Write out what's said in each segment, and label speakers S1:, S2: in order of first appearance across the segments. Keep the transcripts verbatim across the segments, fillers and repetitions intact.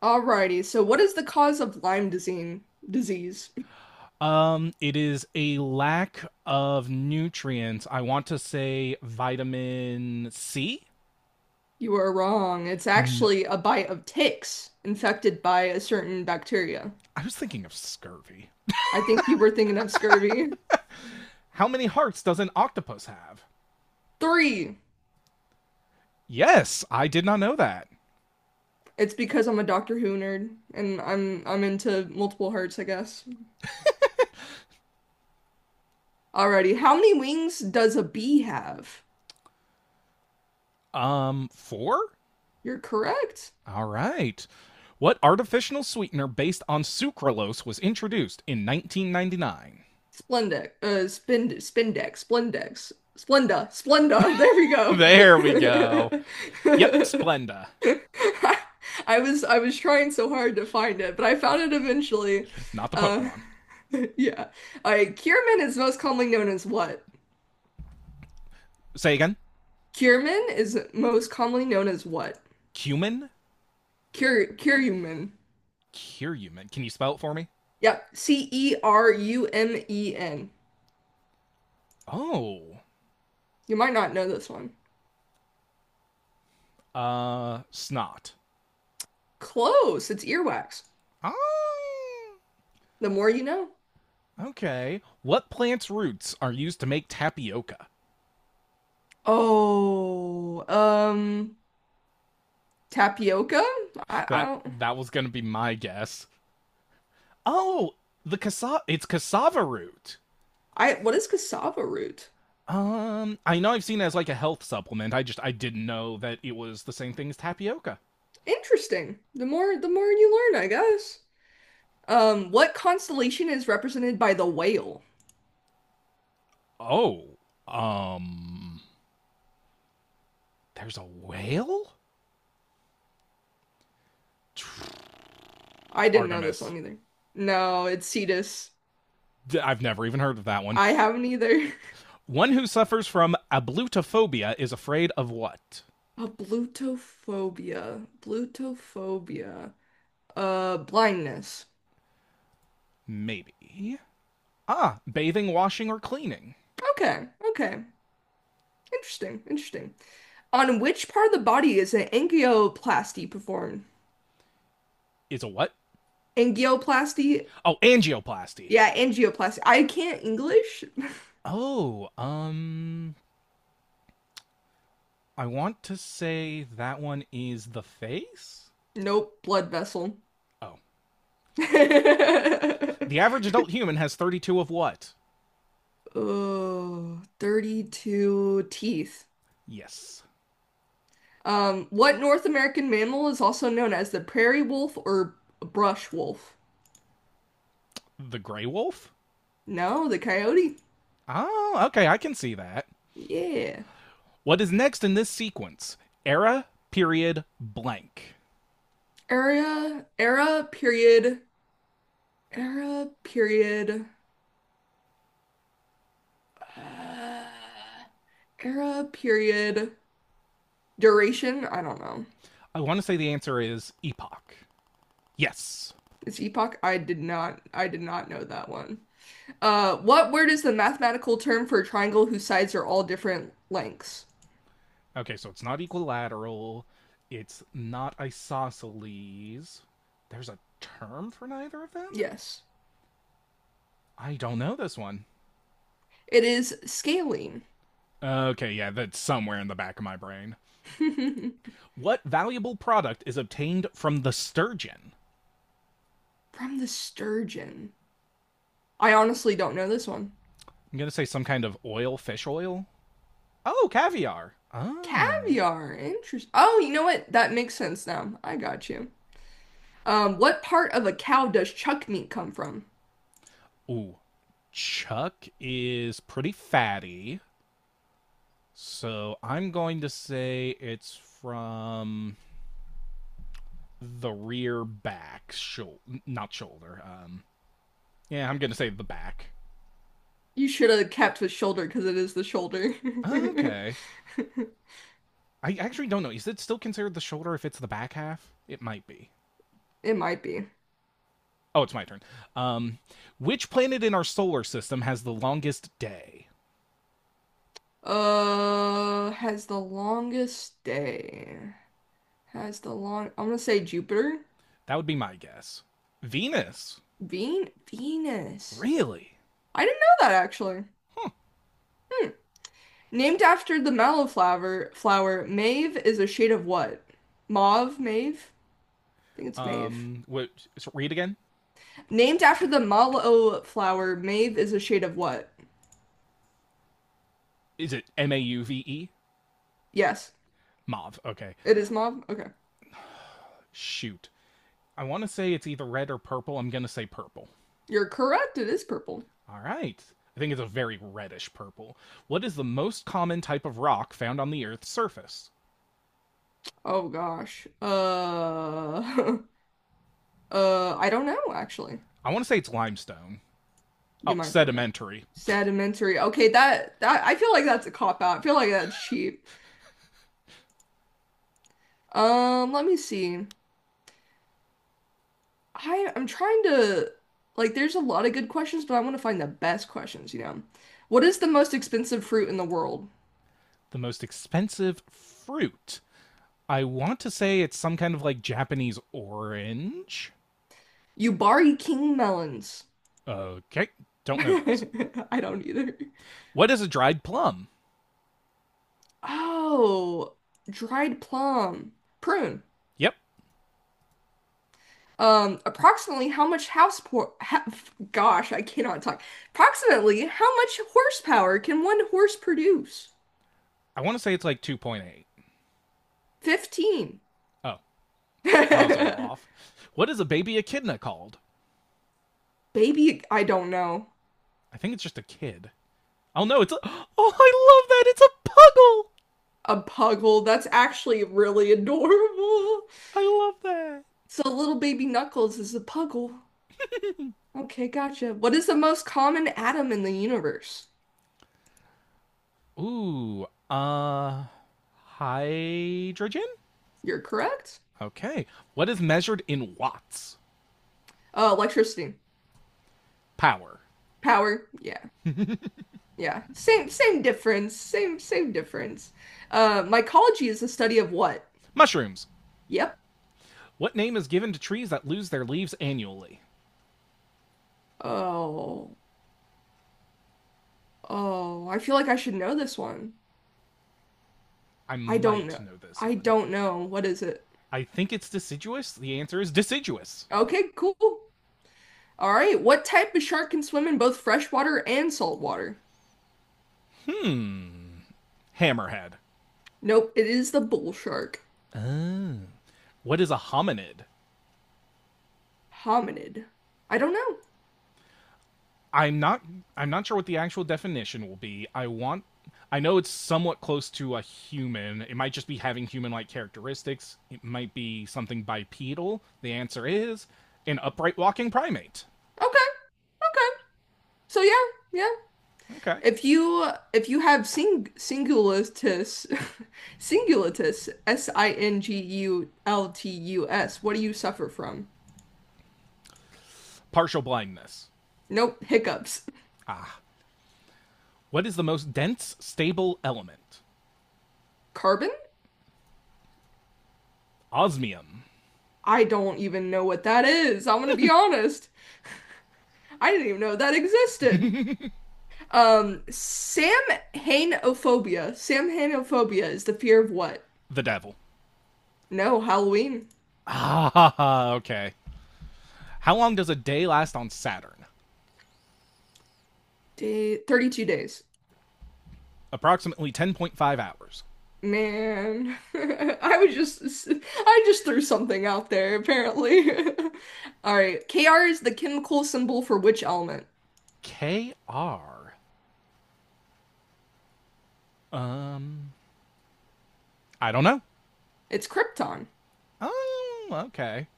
S1: Alrighty, so what is the cause of Lyme disease? Disease.
S2: Um, it is a lack of nutrients. I want to say vitamin C.
S1: You are wrong. It's
S2: No,
S1: actually a bite of ticks infected by a certain bacteria.
S2: I was thinking of scurvy.
S1: I think you were thinking of scurvy.
S2: How many hearts does an octopus have?
S1: Three.
S2: Yes, I did not know that.
S1: It's because I'm a Doctor Who nerd and I'm I'm into multiple hearts, I guess. Alrighty, how many wings does a bee have?
S2: Um, four?
S1: You're correct.
S2: All right. What artificial sweetener based on sucralose was introduced in nineteen ninety-nine?
S1: Splendex, uh, spind, spindex, splendex, splenda, splenda.
S2: There we go.
S1: There we
S2: Yep,
S1: go.
S2: Splenda.
S1: I was I was trying so hard to find it, but I found it eventually.
S2: Not the
S1: Uh,
S2: Pokemon.
S1: yeah. All right. Kierman is most commonly known as what?
S2: Say again.
S1: Kierman is most commonly known as what?
S2: Cumin?
S1: Kier Kierumen.
S2: Curumin. Can you spell it for me?
S1: Yep. C E R U M E N.
S2: Oh.
S1: You might not know this one.
S2: Uh, snot.
S1: Close. It's earwax.
S2: Ah,
S1: The more you know.
S2: okay. What plant's roots are used to make tapioca?
S1: Oh, um, tapioca? I, I
S2: That
S1: don't.
S2: that was gonna be my guess. Oh, the cassava. It's cassava root.
S1: I what is cassava root?
S2: Um, I know I've seen it as like a health supplement. I just I didn't know that it was the same thing as tapioca.
S1: Interesting. The more the more you learn, I guess. Um, what constellation is represented by the whale?
S2: Oh, um, there's a whale.
S1: I didn't know this
S2: Artemis.
S1: one either. No, it's Cetus.
S2: i I've never even heard of that one.
S1: I haven't either.
S2: One who suffers from ablutophobia is afraid of what?
S1: A blutophobia. Blutophobia. Uh, blindness.
S2: Maybe. Ah, bathing, washing, or cleaning
S1: Okay, okay. Interesting, interesting. On which part of the body is an angioplasty performed?
S2: is a what?
S1: Angioplasty?
S2: Oh, angioplasty.
S1: Yeah, angioplasty. I can't English.
S2: Oh, um, I want to say that one is the face?
S1: Nope, blood vessel.
S2: Oh. The average adult human has thirty-two of what?
S1: Oh, thirty-two teeth.
S2: Yes.
S1: Um, what North American mammal is also known as the prairie wolf or brush wolf?
S2: The gray wolf?
S1: No, the coyote?
S2: Oh, okay, I can see that.
S1: Yeah.
S2: What is next in this sequence? Era, period, blank.
S1: Era, era, period, era, period, uh, era, period, duration. I don't know.
S2: I want to say the answer is epoch. Yes.
S1: It's epoch. I did not, I did not know that one. Uh, what word is the mathematical term for a triangle whose sides are all different lengths?
S2: Okay, so it's not equilateral. It's not isosceles. There's a term for neither of them?
S1: Yes.
S2: I don't know this one.
S1: It is scaling
S2: Okay, yeah, that's somewhere in the back of my brain.
S1: from
S2: What valuable product is obtained from the sturgeon?
S1: the sturgeon. I honestly don't know this one.
S2: I'm going to say some kind of oil, fish oil. Oh, caviar. Ah.
S1: Caviar. Interesting. Oh, you know what? That makes sense now. I got you. Um, what part of a cow does chuck meat come from?
S2: Ooh. Chuck is pretty fatty. So I'm going to say it's from the rear back shoulder, not shoulder. Um, yeah, I'm gonna say the back.
S1: You should have kept with shoulder because it is the shoulder.
S2: Okay, I actually don't know. Is it still considered the shoulder if it's the back half? It might be.
S1: It might be.
S2: Oh, it's my turn. Um, which planet in our solar system has the longest day?
S1: Uh, has the longest day. Has the long. I'm gonna say Jupiter.
S2: That would be my guess. Venus.
S1: Ven Venus.
S2: Really?
S1: I didn't know that actually.
S2: Huh.
S1: Hmm. Named after the mallowflower, flower, mauve is a shade of what? Mauve, mauve? I think it's mauve.
S2: Um, what? So read again.
S1: Named after the mallow flower, mauve is a shade of what?
S2: Is it M A U V E?
S1: Yes,
S2: Mauve. Okay.
S1: it is mauve. Okay.
S2: Shoot. I want to say it's either red or purple. I'm gonna say purple.
S1: You're correct. It is purple.
S2: All right. I think it's a very reddish purple. What is the most common type of rock found on the Earth's surface?
S1: Oh gosh. Uh, uh, I don't know actually.
S2: I want to say it's limestone.
S1: You
S2: Oh,
S1: might be right.
S2: sedimentary.
S1: Sedimentary. Okay, that that I feel like that's a cop out. I feel like that's cheap. Um, let me see. I I'm trying to like there's a lot of good questions, but I want to find the best questions, you know. What is the most expensive fruit in the world?
S2: The most expensive fruit. I want to say it's some kind of like Japanese orange.
S1: Yubari king melons.
S2: Okay, don't know those.
S1: I don't either.
S2: What is a dried plum?
S1: Oh, dried plum. Prune.
S2: Yep,
S1: Um, approximately how much house po ha gosh, I cannot talk. Approximately how much horsepower can one horse produce?
S2: I want to say it's like two point eight.
S1: fifteen.
S2: Oh, well, I was a little
S1: Baby,
S2: off. What is a baby echidna called?
S1: I don't know.
S2: I think it's just a kid. Oh no, it's a. Oh, I love that! It's a puggle!
S1: A puggle. That's actually really adorable.
S2: I love that.
S1: So little baby Knuckles is a puggle. Okay, gotcha. What is the most common atom in the universe?
S2: Ooh, uh, hydrogen?
S1: You're correct.
S2: Okay. What is measured in watts?
S1: Uh, electricity.
S2: Power.
S1: Power. Yeah. Yeah. Same same difference. Same same difference. Uh, Mycology is the study of what?
S2: Mushrooms.
S1: Yep.
S2: What name is given to trees that lose their leaves annually?
S1: Oh. Oh, I feel like I should know this one.
S2: I
S1: I don't
S2: might
S1: know.
S2: know this
S1: I
S2: one.
S1: don't know. What is it?
S2: I think it's deciduous. The answer is deciduous.
S1: Okay, cool. All right, what type of shark can swim in both freshwater and saltwater?
S2: Hmm. Hammerhead.
S1: Nope, it is the bull shark.
S2: What is a hominid?
S1: Hominid. I don't know.
S2: I'm not I'm not sure what the actual definition will be. I want I know it's somewhat close to a human. It might just be having human-like characteristics. It might be something bipedal. The answer is an upright walking primate.
S1: Okay, okay. So yeah, yeah.
S2: Okay.
S1: If you if you have sing singulatus singulatus S I N G U L T U S, what do you suffer from?
S2: Partial blindness.
S1: Nope, hiccups.
S2: What is the most dense stable element?
S1: Carbon?
S2: Osmium.
S1: I don't even know what that is. I'm gonna be honest. I didn't even know that existed. Um, Samhainophobia. Samhainophobia is the fear of what?
S2: The devil.
S1: No, Halloween.
S2: Ah, okay. How long does a day last on Saturn?
S1: Day thirty-two days.
S2: Approximately ten point five hours.
S1: Man, I was just I just threw something out there apparently. All right. Kr is the chemical symbol for which element?
S2: K R. Um, I don't know.
S1: It's krypton.
S2: Oh, okay.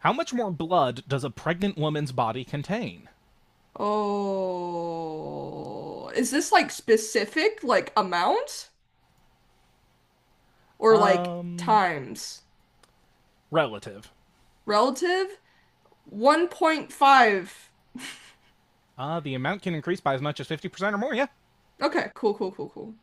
S2: How much more blood does a pregnant woman's body contain?
S1: Oh, is this like specific like amount or like
S2: Um,
S1: times?
S2: Relative.
S1: Relative? one point five.
S2: Uh, the amount can increase by as much as fifty percent or more, yeah.
S1: Okay, cool, cool, cool, cool.